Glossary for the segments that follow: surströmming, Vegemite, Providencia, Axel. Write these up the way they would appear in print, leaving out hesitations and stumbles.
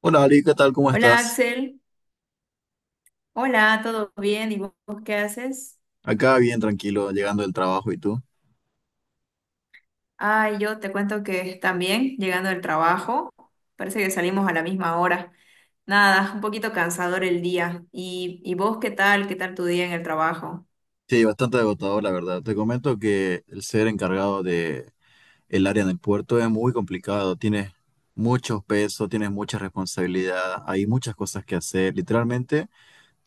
Hola Ali, ¿qué tal? ¿Cómo Hola estás? Axel, hola, ¿todo bien? ¿Y vos qué haces? Acá bien tranquilo, llegando del trabajo, ¿y tú? Ah, yo te cuento que también llegando del trabajo, parece que salimos a la misma hora. Nada, un poquito cansador el día. ¿Y vos qué tal? ¿Qué tal tu día en el trabajo? Sí, bastante agotador, la verdad. Te comento que el ser encargado de el área en el puerto es muy complicado. Tienes muchos pesos, tienes mucha responsabilidad, hay muchas cosas que hacer. Literalmente,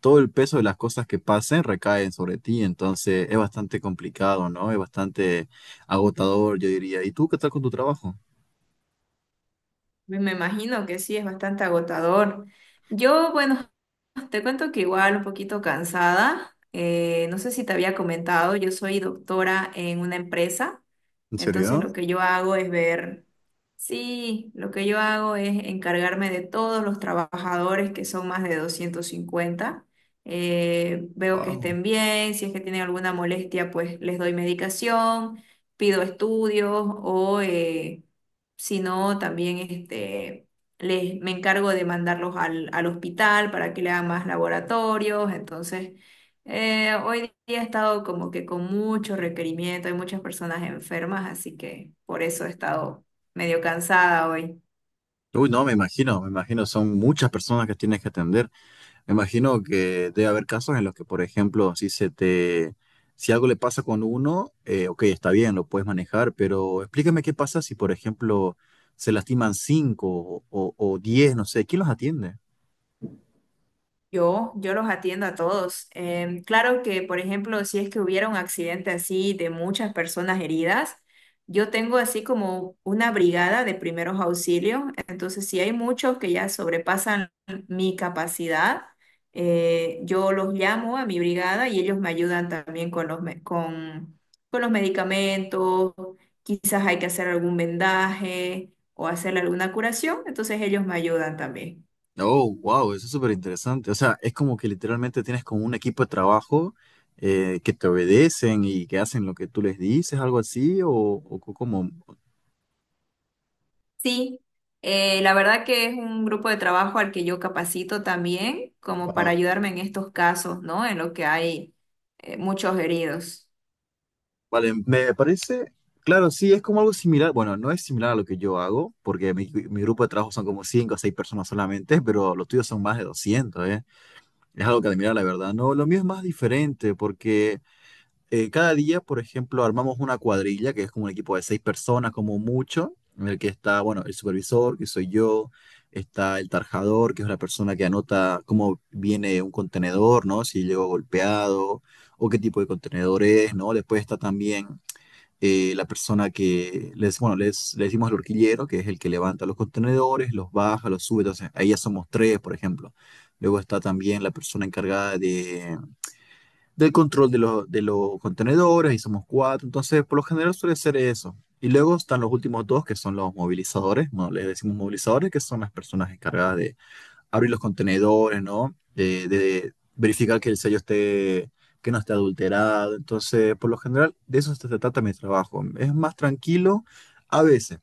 todo el peso de las cosas que pasen recaen sobre ti, entonces es bastante complicado, ¿no? Es bastante agotador, yo diría. ¿Y tú qué tal con tu trabajo? Pues me imagino que sí, es bastante agotador. Yo, bueno, te cuento que igual un poquito cansada. No sé si te había comentado, yo soy doctora en una empresa, ¿En entonces serio? lo que yo hago es ver, sí, lo que yo hago es encargarme de todos los trabajadores que son más de 250. Veo que Wow. estén bien, si es que tienen alguna molestia, pues les doy medicación, pido estudios, sino también este, me encargo de mandarlos al hospital para que le hagan más laboratorios. Entonces, hoy día he estado como que con mucho requerimiento, hay muchas personas enfermas, así que por eso he estado medio cansada hoy. Uy, no, me imagino, son muchas personas que tienes que atender. Me imagino que debe haber casos en los que, por ejemplo, si algo le pasa con uno, ok, está bien, lo puedes manejar, pero explícame qué pasa si, por ejemplo, se lastiman cinco o diez, no sé, ¿quién los atiende? Yo los atiendo a todos. Claro que, por ejemplo, si es que hubiera un accidente así de muchas personas heridas, yo tengo así como una brigada de primeros auxilios. Entonces, si hay muchos que ya sobrepasan mi capacidad, yo los llamo a mi brigada y ellos me ayudan también con con los medicamentos. Quizás hay que hacer algún vendaje o hacer alguna curación. Entonces, ellos me ayudan también. Oh, wow, eso es súper interesante. O sea, es como que literalmente tienes como un equipo de trabajo que te obedecen y que hacen lo que tú les dices, algo así, o como. Sí, la verdad que es un grupo de trabajo al que yo capacito también, como para Wow. ayudarme en estos casos, ¿no? En lo que hay muchos heridos. Vale, me parece, claro, sí, es como algo similar, bueno, no es similar a lo que yo hago, porque mi grupo de trabajo son como 5 o 6 personas solamente, pero los tuyos son más de 200, ¿eh? Es algo que admirar, la verdad. No, lo mío es más diferente, porque cada día, por ejemplo, armamos una cuadrilla, que es como un equipo de 6 personas, como mucho, en el que está, bueno, el supervisor, que soy yo, está el tarjador, que es la persona que anota cómo viene un contenedor, ¿no? Si llegó golpeado o qué tipo de contenedor es, ¿no? Después está también la persona que bueno, le decimos el horquillero, que es el que levanta los contenedores, los baja, los sube, entonces ahí ya somos tres, por ejemplo. Luego está también la persona encargada del control de los contenedores, y somos cuatro, entonces por lo general suele ser eso. Y luego están los últimos dos, que son los movilizadores, bueno, les decimos movilizadores, que son las personas encargadas de abrir los contenedores, ¿no? De verificar que el sello esté, que no esté adulterado. Entonces, por lo general, de eso se trata mi trabajo. Es más tranquilo a veces.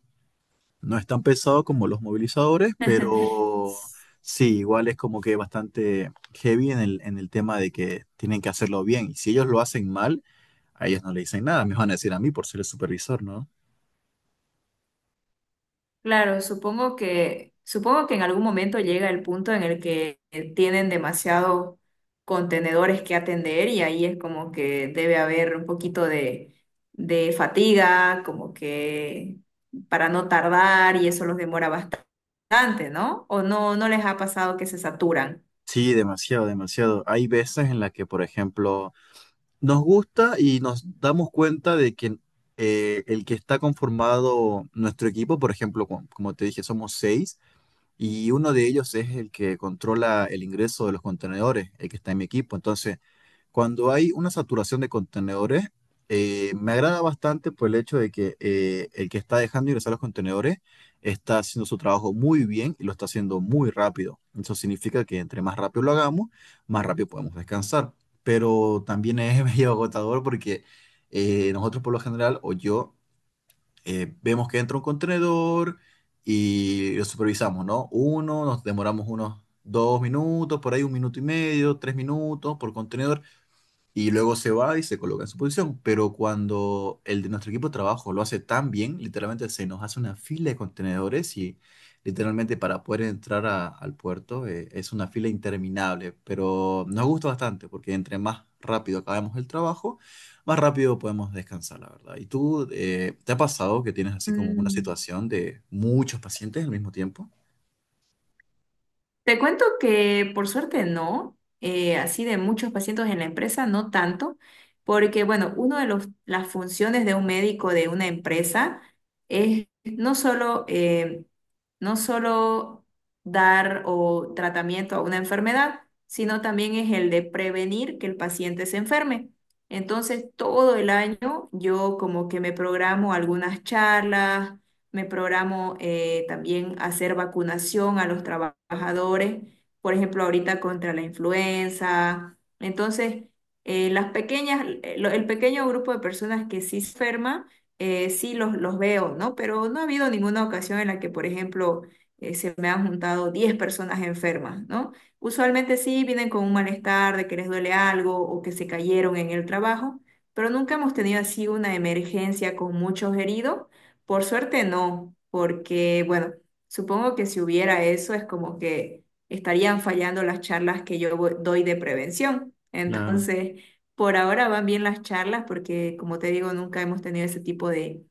No es tan pesado como los movilizadores, pero sí, igual es como que bastante heavy en el tema de que tienen que hacerlo bien. Y si ellos lo hacen mal, a ellos no le dicen nada. Me van a decir a mí por ser el supervisor, ¿no? Claro, supongo que en algún momento llega el punto en el que tienen demasiados contenedores que atender y ahí es como que debe haber un poquito de fatiga, como que para no tardar y eso los demora bastante, ¿no? ¿O no, no les ha pasado que se saturan? Sí, demasiado, demasiado. Hay veces en las que, por ejemplo, nos gusta y nos damos cuenta de que el que está conformado nuestro equipo, por ejemplo, como, te dije, somos seis, y uno de ellos es el que controla el ingreso de los contenedores, el que está en mi equipo. Entonces, cuando hay una saturación de contenedores, me agrada bastante por el hecho de que el que está dejando ingresar los contenedores está haciendo su trabajo muy bien y lo está haciendo muy rápido. Eso significa que entre más rápido lo hagamos, más rápido podemos descansar. Pero también es medio agotador porque nosotros por lo general, o yo, vemos que entra un contenedor y lo supervisamos, ¿no? Uno, nos demoramos unos 2 minutos, por ahí un minuto y medio, 3 minutos por contenedor y luego se va y se coloca en su posición. Pero cuando el de nuestro equipo de trabajo lo hace tan bien, literalmente se nos hace una fila de contenedores y literalmente para poder entrar al puerto es una fila interminable. Pero nos gusta bastante porque entre más rápido acabemos el trabajo, más rápido podemos descansar, la verdad. ¿Y tú te ha pasado que tienes así como una Mm. situación de muchos pacientes al mismo tiempo? Te cuento que por suerte no, así de muchos pacientes en la empresa, no tanto, porque bueno, una de las funciones de un médico de una empresa es no solo, no solo dar o tratamiento a una enfermedad, sino también es el de prevenir que el paciente se enferme. Entonces, todo el año yo como que me programo algunas charlas, me programo también hacer vacunación a los trabajadores, por ejemplo, ahorita contra la influenza. Entonces, el pequeño grupo de personas que sí se enferma, los veo, ¿no? Pero no ha habido ninguna ocasión en la que, por ejemplo, se me han juntado 10 personas enfermas, ¿no? Usualmente sí vienen con un malestar de que les duele algo o que se cayeron en el trabajo, pero nunca hemos tenido así una emergencia con muchos heridos, por suerte no, porque bueno, supongo que si hubiera eso es como que estarían fallando las charlas que doy de prevención. Claro. Entonces, por ahora van bien las charlas porque, como te digo, nunca hemos tenido ese tipo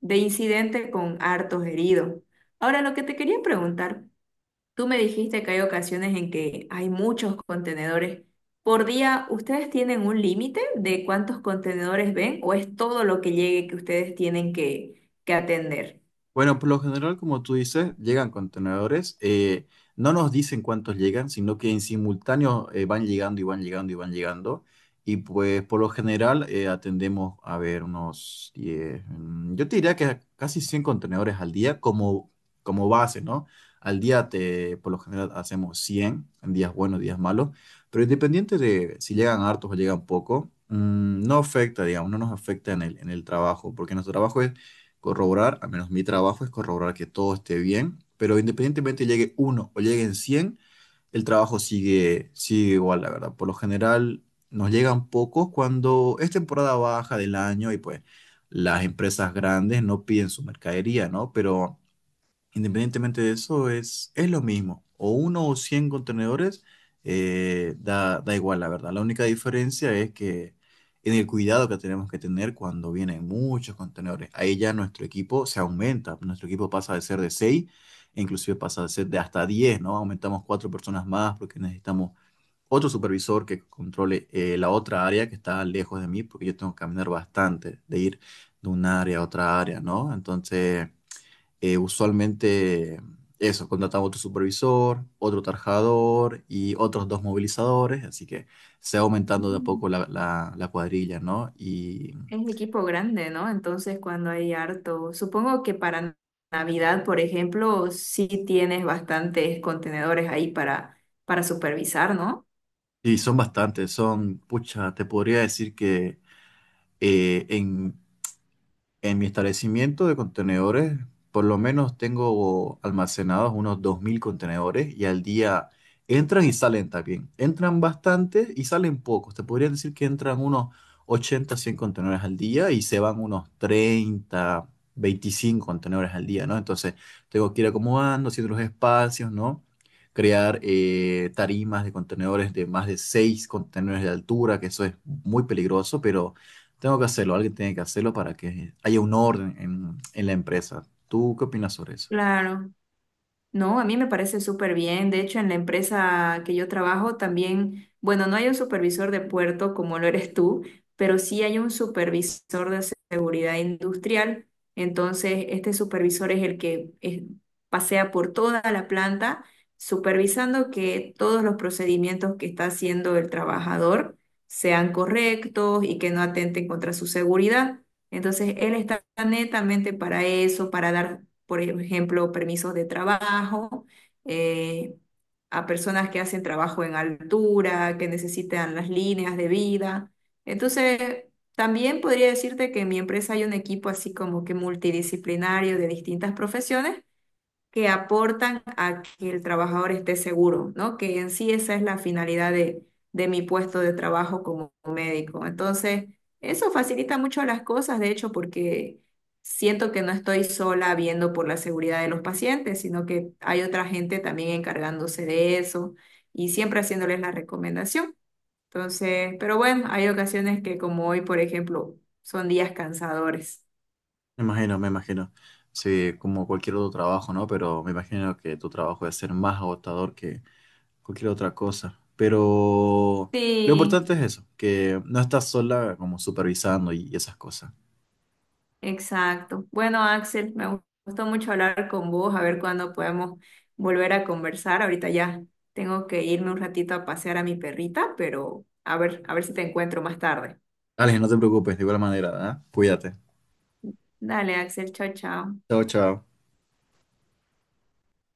de incidente con hartos heridos. Ahora, lo que te quería preguntar, tú me dijiste que hay ocasiones en que hay muchos contenedores. Por día, ¿ustedes tienen un límite de cuántos contenedores ven o es todo lo que llegue que ustedes tienen que atender? Bueno, por lo general, como tú dices, llegan contenedores. No nos dicen cuántos llegan, sino que en simultáneo van llegando y van llegando y van llegando. Y pues por lo general atendemos a ver unos 10. Yo te diría que casi 100 contenedores al día como base, ¿no? Por lo general hacemos 100 en días buenos, días malos, pero independiente de si llegan hartos o llegan poco, no afecta, digamos, no nos afecta en el trabajo, porque nuestro trabajo es corroborar, al menos mi trabajo es corroborar que todo esté bien, pero independientemente llegue uno o lleguen 100 el trabajo sigue igual, la verdad. Por lo general nos llegan pocos cuando es temporada baja del año y pues las empresas grandes no piden su mercadería, ¿no? Pero independientemente de eso, es lo mismo. O uno o 100 contenedores, da igual, la verdad. La única diferencia es que en el cuidado que tenemos que tener cuando vienen muchos contenedores. Ahí ya nuestro equipo se aumenta. Nuestro equipo pasa de ser de seis e inclusive pasa de ser de hasta 10, ¿no? Aumentamos cuatro personas más porque necesitamos otro supervisor que controle la otra área que está lejos de mí, porque yo tengo que caminar bastante, de ir de un área a otra área, ¿no? Entonces usualmente eso, contratamos otro supervisor, otro tarjador y otros dos movilizadores, así que se va aumentando de a Mm. poco la cuadrilla, ¿no? Y, Es equipo grande, ¿no? Entonces, cuando hay harto, supongo que para Navidad, por ejemplo, sí tienes bastantes contenedores ahí para supervisar, ¿no? y son bastantes. Pucha, te podría decir que eh, en En mi establecimiento de contenedores, por lo menos tengo almacenados unos 2000 contenedores y al día entran y salen también. Entran bastantes y salen pocos. Te podría decir que entran unos 80, 100 contenedores al día y se van unos 30, 25 contenedores al día, ¿no? Entonces tengo que ir acomodando, haciendo los espacios, ¿no? Crear tarimas de contenedores de más de 6 contenedores de altura, que eso es muy peligroso, pero. Tengo que hacerlo, alguien tiene que hacerlo para que haya un orden en la empresa. ¿Tú qué opinas sobre eso? Claro. No, a mí me parece súper bien. De hecho, en la empresa que yo trabajo también, bueno, no hay un supervisor de puerto como lo eres tú, pero sí hay un supervisor de seguridad industrial. Entonces, este supervisor es el que pasea por toda la planta, supervisando que todos los procedimientos que está haciendo el trabajador sean correctos y que no atenten contra su seguridad. Entonces, él está netamente para eso, para dar, por ejemplo, permisos de trabajo, eh, a personas que hacen trabajo en altura, que necesitan las líneas de vida. Entonces, también podría decirte que en mi empresa hay un equipo así como que multidisciplinario de distintas profesiones que aportan a que el trabajador esté seguro, ¿no? Que en sí esa es la finalidad de mi puesto de trabajo como médico. Entonces, eso facilita mucho las cosas, de hecho, porque siento que no estoy sola viendo por la seguridad de los pacientes, sino que hay otra gente también encargándose de eso y siempre haciéndoles la recomendación. Entonces, pero bueno, hay ocasiones que como hoy, por ejemplo, son días cansadores. Me imagino, me imagino. Sí, como cualquier otro trabajo, ¿no? Pero me imagino que tu trabajo debe ser más agotador que cualquier otra cosa. Pero lo Sí, importante es eso, que no estás sola como supervisando y esas cosas. exacto. Bueno, Axel, me gustó mucho hablar con vos, a ver cuándo podemos volver a conversar. Ahorita ya tengo que irme un ratito a pasear a mi perrita, pero a ver si te encuentro más tarde. Alex, no te preocupes, de igual manera, ¿eh? Cuídate. Dale, Axel, chao, chao. Chao, chao.